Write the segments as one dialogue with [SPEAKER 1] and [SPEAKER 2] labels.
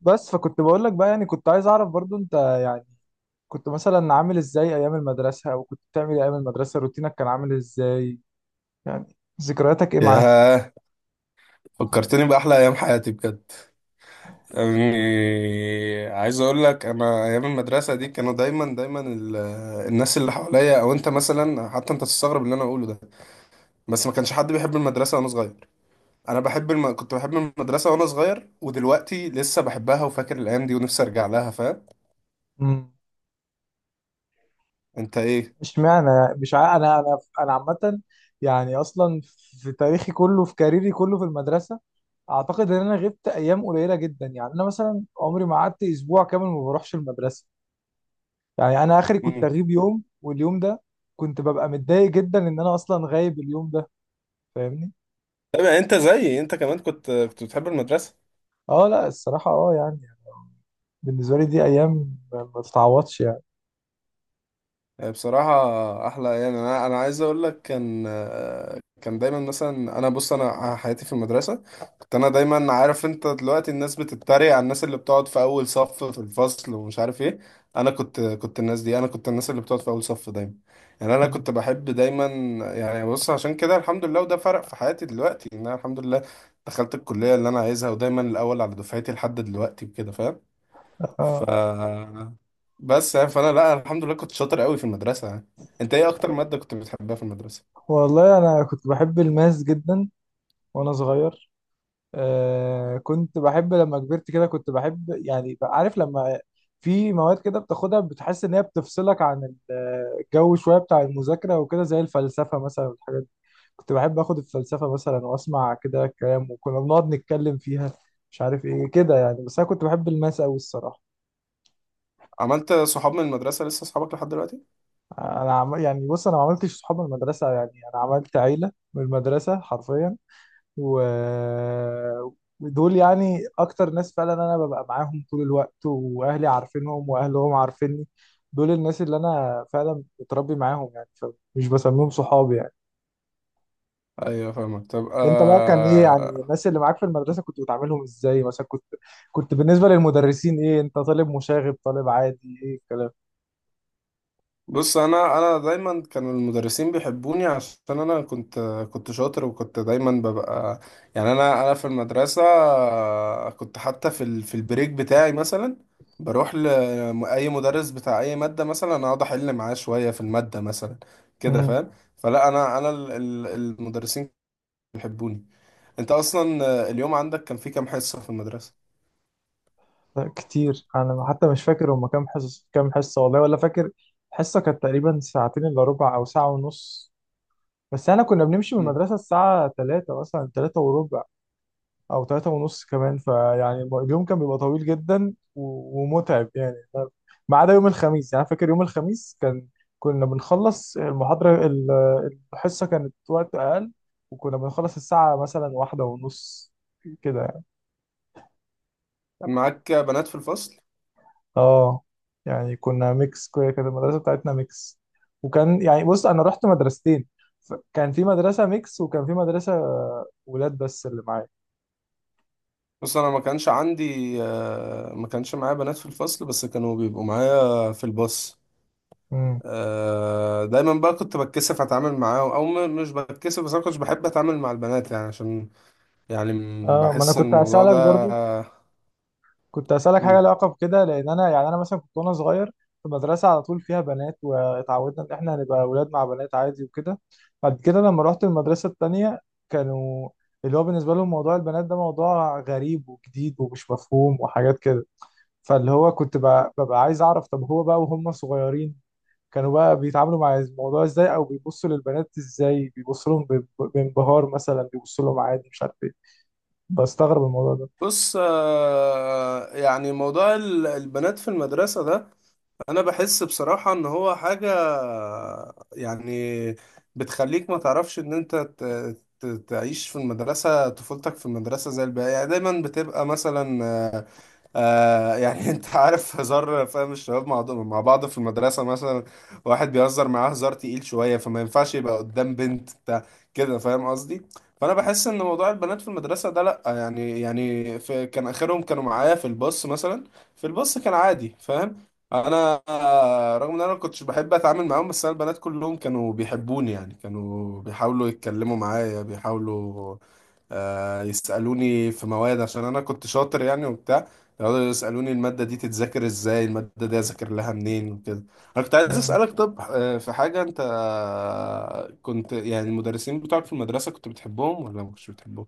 [SPEAKER 1] بس فكنت بقول لك بقى، يعني كنت عايز اعرف برضو انت، يعني كنت مثلا عامل ازاي ايام المدرسة، او كنت بتعمل إيه ايام المدرسة، روتينك كان عامل ازاي، يعني ذكرياتك ايه معاه.
[SPEAKER 2] ياه، فكرتني بأحلى أيام حياتي بجد. يعني عايز أقول لك أنا أيام المدرسة دي كانوا دايما الناس اللي حواليا أو أنت مثلا حتى أنت تستغرب اللي أنا أقوله ده. بس ما كانش حد بيحب المدرسة وأنا صغير. أنا بحب كنت بحب المدرسة وأنا صغير، ودلوقتي لسه بحبها وفاكر الأيام دي ونفسي أرجع لها، فاهم؟
[SPEAKER 1] امم.
[SPEAKER 2] أنت إيه؟
[SPEAKER 1] اشمعنى يعني؟ مش عا... انا عامة، يعني اصلا في تاريخي كله، في كاريري كله في المدرسة، اعتقد ان انا غبت ايام قليلة جدا. يعني انا مثلا عمري ما قعدت اسبوع كامل ما بروحش المدرسة، يعني انا اخري كنت
[SPEAKER 2] مم.
[SPEAKER 1] اغيب يوم، واليوم ده كنت ببقى متضايق جدا ان انا اصلا غايب اليوم ده، فاهمني.
[SPEAKER 2] طب يعني أنت زيي، أنت كمان كنت بتحب المدرسة.
[SPEAKER 1] اه لا الصراحة، اه يعني بالنسبة لي دي أيام ما تتعوضش يعني.
[SPEAKER 2] آه، بصراحة أحلى، يعني أنا عايز أقول لك كان آه، كان دايما مثلا أنا بص، أنا حياتي في المدرسة كنت أنا دايما عارف. أنت دلوقتي الناس بتتريق على الناس اللي بتقعد في أول صف في الفصل ومش عارف إيه. أنا كنت الناس دي، أنا كنت الناس اللي بتقعد في أول صف دايما. يعني أنا كنت
[SPEAKER 1] مم.
[SPEAKER 2] بحب دايما. يعني بص، عشان كده الحمد لله، وده فرق في حياتي دلوقتي إن أنا الحمد لله دخلت الكلية اللي أنا عايزها، ودايما الأول على دفعتي لحد دلوقتي وكده، فاهم؟ ف
[SPEAKER 1] آه.
[SPEAKER 2] بس يعني فانا لا الحمد لله كنت شاطر قوي في المدرسه يعني. انت ايه اكتر ماده كنت بتحبها في المدرسه؟
[SPEAKER 1] والله أنا كنت بحب الماس جدا وأنا صغير. آه. كنت بحب لما كبرت كده، كنت بحب يعني، بقى عارف لما في مواد كده بتاخدها بتحس إن هي بتفصلك عن الجو شوية بتاع المذاكرة، وكده زي الفلسفة مثلا والحاجات دي. كنت بحب آخد الفلسفة مثلا، وأسمع كده الكلام، وكنا بنقعد نتكلم فيها، مش عارف إيه كده يعني. بس أنا كنت بحب الماس أوي الصراحة.
[SPEAKER 2] عملت صحاب من المدرسه لسه صحابك لحد دلوقتي؟
[SPEAKER 1] يعني بص انا ما عملتش صحاب من المدرسه، يعني انا عملت عيله من المدرسه حرفيا. و... ودول يعني اكتر ناس فعلا انا ببقى معاهم طول الوقت، واهلي عارفينهم، واهلهم عارفيني. دول الناس اللي انا فعلا متربي معاهم يعني، فمش بسميهم صحابي يعني.
[SPEAKER 2] ايوه فاهمك. طب
[SPEAKER 1] انت بقى كان ايه، يعني الناس اللي معاك في المدرسه كنت بتعاملهم ازاي؟ مثلا كنت بالنسبه للمدرسين ايه؟ انت طالب مشاغب، طالب عادي، ايه الكلام؟
[SPEAKER 2] بص انا دايما كانوا المدرسين بيحبوني عشان انا كنت شاطر، وكنت دايما ببقى، يعني انا في المدرسه آه، كنت حتى في البريك بتاعي مثلا بروح لاي مدرس بتاع اي ماده مثلا اقعد احل معاه شويه في الماده مثلا، كده فاهم؟ فلا انا المدرسين بيحبوني. انت اصلا آه، اليوم عندك كان فيه كام حصه في المدرسه؟
[SPEAKER 1] لا كتير، انا حتى مش فاكر هما كام حصص، كام حصه والله ولا فاكر. حصه كانت تقريبا ساعتين الا ربع او ساعه ونص، بس انا كنا بنمشي من
[SPEAKER 2] مم.
[SPEAKER 1] المدرسه الساعه 3 مثلا، 3 وربع او 3 ونص كمان، فيعني اليوم كان بيبقى طويل جدا ومتعب يعني. ما عدا يوم الخميس، يعني أنا فاكر يوم الخميس كنا بنخلص الحصه كانت وقت اقل، وكنا بنخلص الساعه مثلا واحدة ونص كده يعني.
[SPEAKER 2] كان معاك بنات في الفصل؟
[SPEAKER 1] اه يعني كنا ميكس، كده كده المدرسه بتاعتنا ميكس، وكان يعني بص انا رحت مدرستين، كان في مدرسه ميكس، وكان في مدرسه ولاد بس اللي معايا.
[SPEAKER 2] بص انا ما كانش عندي آه، ما كانش معايا بنات في الفصل بس كانوا بيبقوا معايا في الباص.
[SPEAKER 1] امم.
[SPEAKER 2] آه، دايما بقى كنت بتكسف اتعامل معاهم او مش بتكسف، بس انا كنتش بحب اتعامل مع البنات يعني عشان، يعني
[SPEAKER 1] اه ما انا
[SPEAKER 2] بحس ان
[SPEAKER 1] كنت
[SPEAKER 2] الموضوع
[SPEAKER 1] هسالك
[SPEAKER 2] ده...
[SPEAKER 1] برضو، كنت هسالك حاجه لها
[SPEAKER 2] مم.
[SPEAKER 1] علاقه بكده، لان انا يعني انا مثلا كنت وانا صغير في مدرسه على طول فيها بنات، واتعودنا ان احنا هنبقى ولاد مع بنات عادي وكده. بعد كده لما رحت المدرسه التانيه، كانوا اللي هو بالنسبه لهم موضوع البنات ده موضوع غريب وجديد ومش مفهوم وحاجات كده. فاللي هو كنت ببقى عايز اعرف طب هو بقى وهم صغيرين، كانوا بقى بيتعاملوا مع الموضوع ازاي، او بيبصوا للبنات ازاي؟ بيبصوا لهم بانبهار مثلا، بيبصوا لهم عادي، مش عارف ايه. بستغرب الموضوع ده.
[SPEAKER 2] بص آه، يعني موضوع البنات في المدرسة ده انا بحس بصراحة ان هو حاجة يعني بتخليك ما تعرفش ان انت تعيش في المدرسة، طفولتك في المدرسة زي الباقي. يعني دايما بتبقى مثلا آه يعني انت عارف هزار، فاهم؟ الشباب مع بعض في المدرسة مثلا واحد بيهزر معاه هزار تقيل شوية، فما ينفعش يبقى قدام بنت بتاع، كده فاهم قصدي؟ فانا بحس ان موضوع البنات في المدرسة ده لا، يعني يعني في كان اخرهم كانوا معايا في الباص مثلا، في الباص كان عادي، فاهم؟ انا آه، رغم ان انا ما كنتش بحب اتعامل معاهم بس انا البنات كلهم كانوا بيحبوني يعني، كانوا بيحاولوا يتكلموا معايا، بيحاولوا آه، يسألوني في مواد عشان انا كنت شاطر يعني وبتاع، يقعدوا يسألوني المادة دي تتذاكر ازاي، المادة دي اذاكر لها منين وكده. انا كنت عايز
[SPEAKER 1] آه.
[SPEAKER 2] اسألك، طب آه، في حاجة انت آه، كنت يعني المدرسين بتوعك في المدرسة كنت بتحبهم ولا ما كنتش بتحبهم؟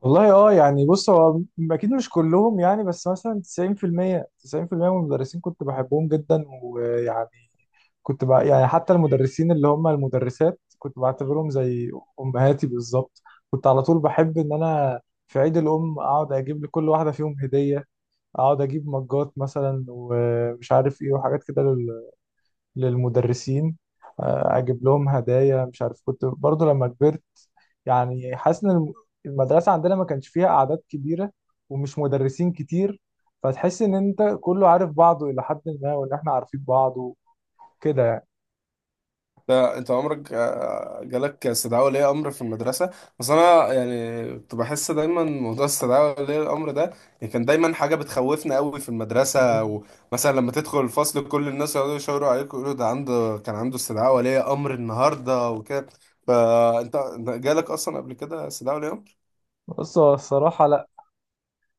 [SPEAKER 1] والله اه يعني بص هو اكيد مش كلهم يعني، بس مثلا 90% من المدرسين كنت بحبهم جدا، ويعني كنت بقى يعني حتى المدرسين اللي هم المدرسات كنت بعتبرهم زي امهاتي بالظبط. كنت على طول بحب ان انا في عيد الام اقعد اجيب لكل واحده فيهم هديه، اقعد اجيب مجات مثلا ومش عارف ايه وحاجات كده للمدرسين. آه، اجيب لهم هدايا، مش عارف. كنت برضو لما كبرت يعني حاسس ان المدرسة عندنا ما كانش فيها اعداد كبيرة، ومش مدرسين كتير، فتحس ان انت كله عارف بعضه الى حد ما، وان احنا عارفين بعض وكده يعني.
[SPEAKER 2] لا انت عمرك آه، جالك استدعاء ولي امر في المدرسه؟ بس انا يعني كنت بحس دايما موضوع استدعاء ولي الامر ده، يعني كان دايما حاجه بتخوفنا قوي في المدرسه، ومثلا لما تدخل الفصل كل الناس يقعدوا يشاوروا عليك ويقولوا ده عنده كان عنده استدعاء ولي امر النهارده وكده. فانت انت جالك اصلا قبل كده استدعاء ولي امر؟
[SPEAKER 1] بص هو الصراحة لا،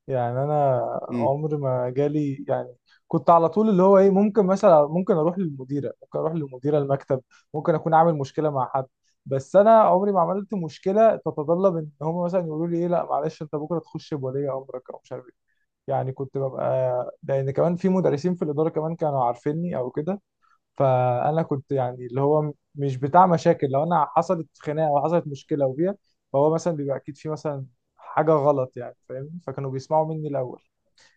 [SPEAKER 1] يعني انا
[SPEAKER 2] امم.
[SPEAKER 1] عمري ما جالي يعني. كنت على طول اللي هو ايه، ممكن مثلا ممكن اروح للمديره، ممكن اروح للمديره المكتب، ممكن اكون عامل مشكله مع حد، بس انا عمري ما عملت مشكله تتطلب ان هم مثلا يقولوا لي ايه لا معلش انت بكره تخش بولي امرك او مش عارف ايه، يعني كنت ببقى لان كمان في مدرسين في الاداره كمان كانوا عارفيني او كده. فانا كنت يعني اللي هو مش بتاع مشاكل، لو انا حصلت خناقه او حصلت مشكله وبيها، فهو مثلا بيبقى اكيد في مثلا حاجه غلط يعني، فاهمني، فكانوا بيسمعوا مني الاول.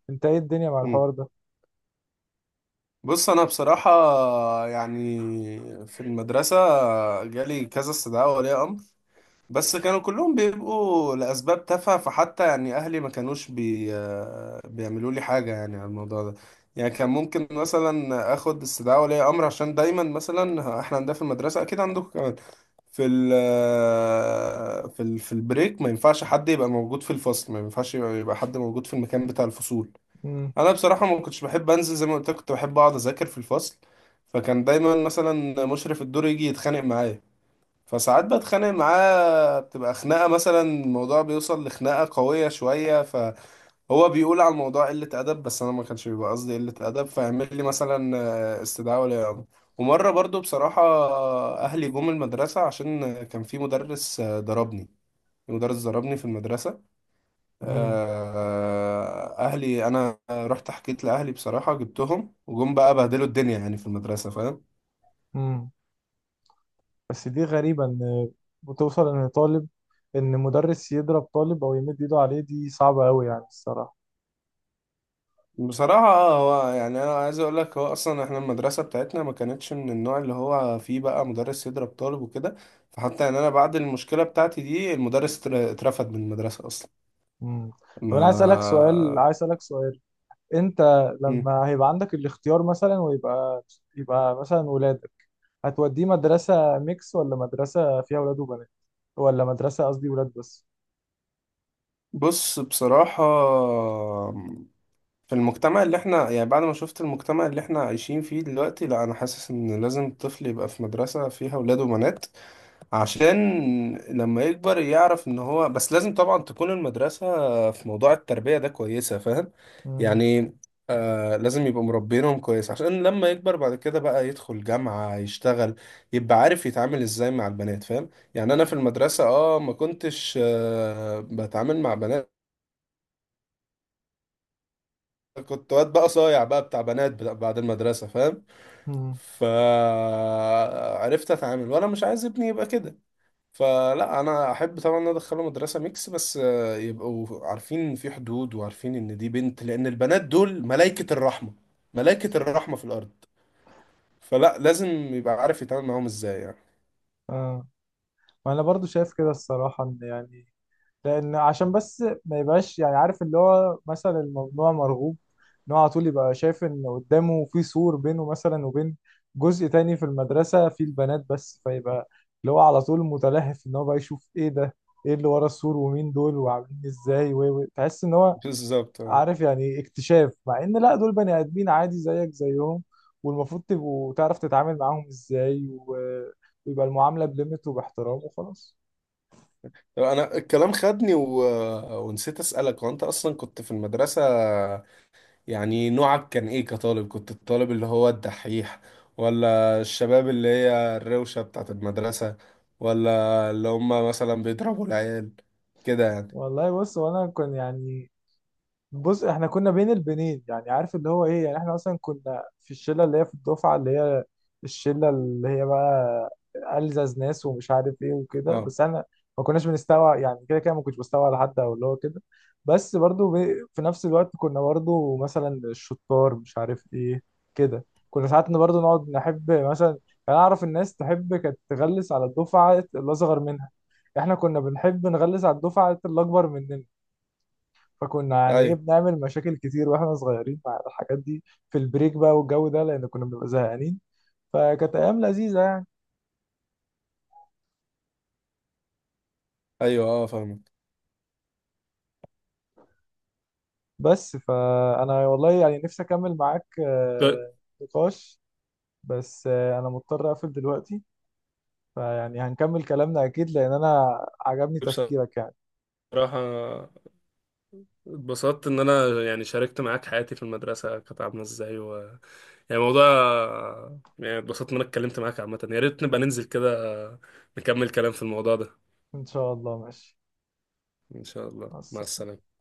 [SPEAKER 1] انت ايه الدنيا مع الحوار
[SPEAKER 2] امم.
[SPEAKER 1] ده؟
[SPEAKER 2] بص انا بصراحه يعني في المدرسه جالي كذا استدعاء ولي امر، بس كانوا كلهم بيبقوا لأسباب تافهة، فحتى يعني أهلي ما كانوش آه، بيعملوا لي حاجة يعني على الموضوع ده. يعني كان ممكن مثلا آخد استدعاء ولي أمر عشان دايما مثلا إحنا عندنا في المدرسة، أكيد عندكم كمان، في ال آه، في ال في البريك ما ينفعش حد يبقى موجود في الفصل، ما ينفعش يبقى حد موجود في المكان بتاع الفصول.
[SPEAKER 1] امم.
[SPEAKER 2] انا بصراحة ما كنتش بحب انزل، زي ما قلت لك كنت بحب اقعد اذاكر في الفصل. فكان دايما مثلا مشرف الدور يجي يتخانق معايا، فساعات بتخانق معاه بتبقى خناقة، مثلا الموضوع بيوصل لخناقة قوية شوية، فهو بيقول على الموضوع قلة أدب، بس أنا ما كانش بيبقى قصدي قلة أدب، فيعمل لي مثلا آه، استدعاء ولي أمر. ومرة برضو بصراحة آه، أهلي جم المدرسة عشان كان في مدرس آه، ضربني. مدرس ضربني في المدرسة.
[SPEAKER 1] امم.
[SPEAKER 2] آه، آه، أهلي أنا رحت حكيت لأهلي بصراحة، جبتهم وجم بقى بهدلوا الدنيا يعني في المدرسة، فاهم؟
[SPEAKER 1] امم. بس دي غريبه ان بتوصل ان مدرس يضرب طالب او يمد ايده عليه، دي صعبه قوي يعني الصراحه.
[SPEAKER 2] بصراحة اه هو يعني أنا عايز أقول لك هو أصلا إحنا المدرسة بتاعتنا ما كانتش من النوع اللي هو فيه بقى مدرس يضرب طالب وكده. فحتى يعني أنا بعد المشكلة بتاعتي دي المدرس اترفد من المدرسة أصلا.
[SPEAKER 1] امم. طب انا عايز اسالك سؤال،
[SPEAKER 2] ما
[SPEAKER 1] عايز اسالك سؤال، انت
[SPEAKER 2] مم.
[SPEAKER 1] لما هيبقى عندك الاختيار مثلا، ويبقى مثلا ولاد، هتوديه مدرسة ميكس، ولا مدرسة فيها ولاد وبنات، ولا مدرسة، قصدي ولاد بس؟
[SPEAKER 2] بص بصراحة في المجتمع اللي إحنا يعني بعد ما شفت المجتمع اللي إحنا عايشين فيه دلوقتي لا أنا حاسس إن لازم الطفل يبقى في مدرسة فيها ولاد وبنات، عشان لما يكبر يعرف ان هو، بس لازم طبعا تكون المدرسة في موضوع التربية ده كويسة، فاهم؟
[SPEAKER 1] امم.
[SPEAKER 2] يعني آه لازم يبقوا مربينهم كويس عشان لما يكبر بعد كده بقى يدخل جامعة يشتغل يبقى عارف يتعامل ازاي مع البنات، فاهم؟ يعني انا في المدرسة اه ما كنتش آه بتعامل مع بنات، كنت واد بقى صايع بقى بتاع بنات بعد المدرسة، فاهم؟
[SPEAKER 1] امم.
[SPEAKER 2] فعرفت اتعامل، وانا مش عايز ابني يبقى كده. فلا انا احب طبعا ان أنا ادخله مدرسه ميكس بس آه، يبقوا عارفين في حدود وعارفين ان دي بنت، لان البنات دول ملائكه الرحمه، ملائكه الرحمه في الارض. فلا لازم يبقى عارف يتعامل معاهم ازاي يعني.
[SPEAKER 1] اه ما انا برضو شايف كده الصراحة، ان يعني لان عشان بس ما يبقاش يعني عارف اللي هو مثلا الممنوع مرغوب، ان هو على طول يبقى شايف ان قدامه في سور بينه مثلا وبين جزء تاني في المدرسة فيه البنات بس، فيبقى اللي هو على طول متلهف ان هو بقى يشوف ايه ده، ايه اللي ورا السور، ومين دول، وعاملين ازاي، و تحس ان هو
[SPEAKER 2] بالظبط آه.
[SPEAKER 1] عارف يعني اكتشاف، مع ان لا دول بني ادمين عادي زيك زيهم، والمفروض تبقوا تعرف تتعامل معاهم ازاي، ويبقى المعامله بليمت وباحترام وخلاص.
[SPEAKER 2] طب انا الكلام خدني ونسيت اسالك، وانت اصلا كنت في المدرسه يعني نوعك كان ايه كطالب؟ كنت الطالب اللي هو الدحيح، ولا الشباب اللي هي الروشه بتاعت المدرسه، ولا اللي هم مثلا بيضربوا العيال كده يعني؟
[SPEAKER 1] والله بص وانا كان يعني، بص احنا كنا بين البنين، يعني عارف اللي هو ايه، يعني احنا مثلا كنا في الشله اللي هي في الدفعه اللي هي الشله اللي هي بقى ألزز ناس ومش عارف ايه وكده،
[SPEAKER 2] اه.
[SPEAKER 1] بس انا ما كناش بنستوعب يعني كده كده، ما كنتش بستوعب على حد او اللي هو كده. بس برضو في نفس الوقت كنا برضو مثلا الشطار مش عارف ايه كده، كنا ساعات برضو نقعد نحب مثلا يعني اعرف، الناس تحب كانت تغلس على الدفعه الاصغر منها، احنا كنا بنحب نغلس على الدفعه الاكبر مننا، فكنا يعني ايه
[SPEAKER 2] ايوه.
[SPEAKER 1] بنعمل مشاكل كتير واحنا صغيرين مع الحاجات دي في البريك بقى والجو ده، لان كنا بنبقى زهقانين، فكانت ايام لذيذه يعني.
[SPEAKER 2] ايوه اه فاهمك.
[SPEAKER 1] بس فانا والله يعني نفسي اكمل معاك
[SPEAKER 2] ب-
[SPEAKER 1] نقاش، بس انا مضطر اقفل دلوقتي، فيعني هنكمل كلامنا اكيد لان انا عجبني
[SPEAKER 2] بصراحة
[SPEAKER 1] تفكيرك يعني.
[SPEAKER 2] اتبسطت إن أنا يعني شاركت معاك حياتي في المدرسة كانت عاملة إزاي يعني موضوع، يعني اتبسطت إن أنا اتكلمت معاك عامة. يا ريت نبقى ننزل كده نكمل كلام في الموضوع ده.
[SPEAKER 1] ان شاء الله ماشي.
[SPEAKER 2] إن شاء الله،
[SPEAKER 1] مع
[SPEAKER 2] مع
[SPEAKER 1] السلامة.
[SPEAKER 2] السلامة.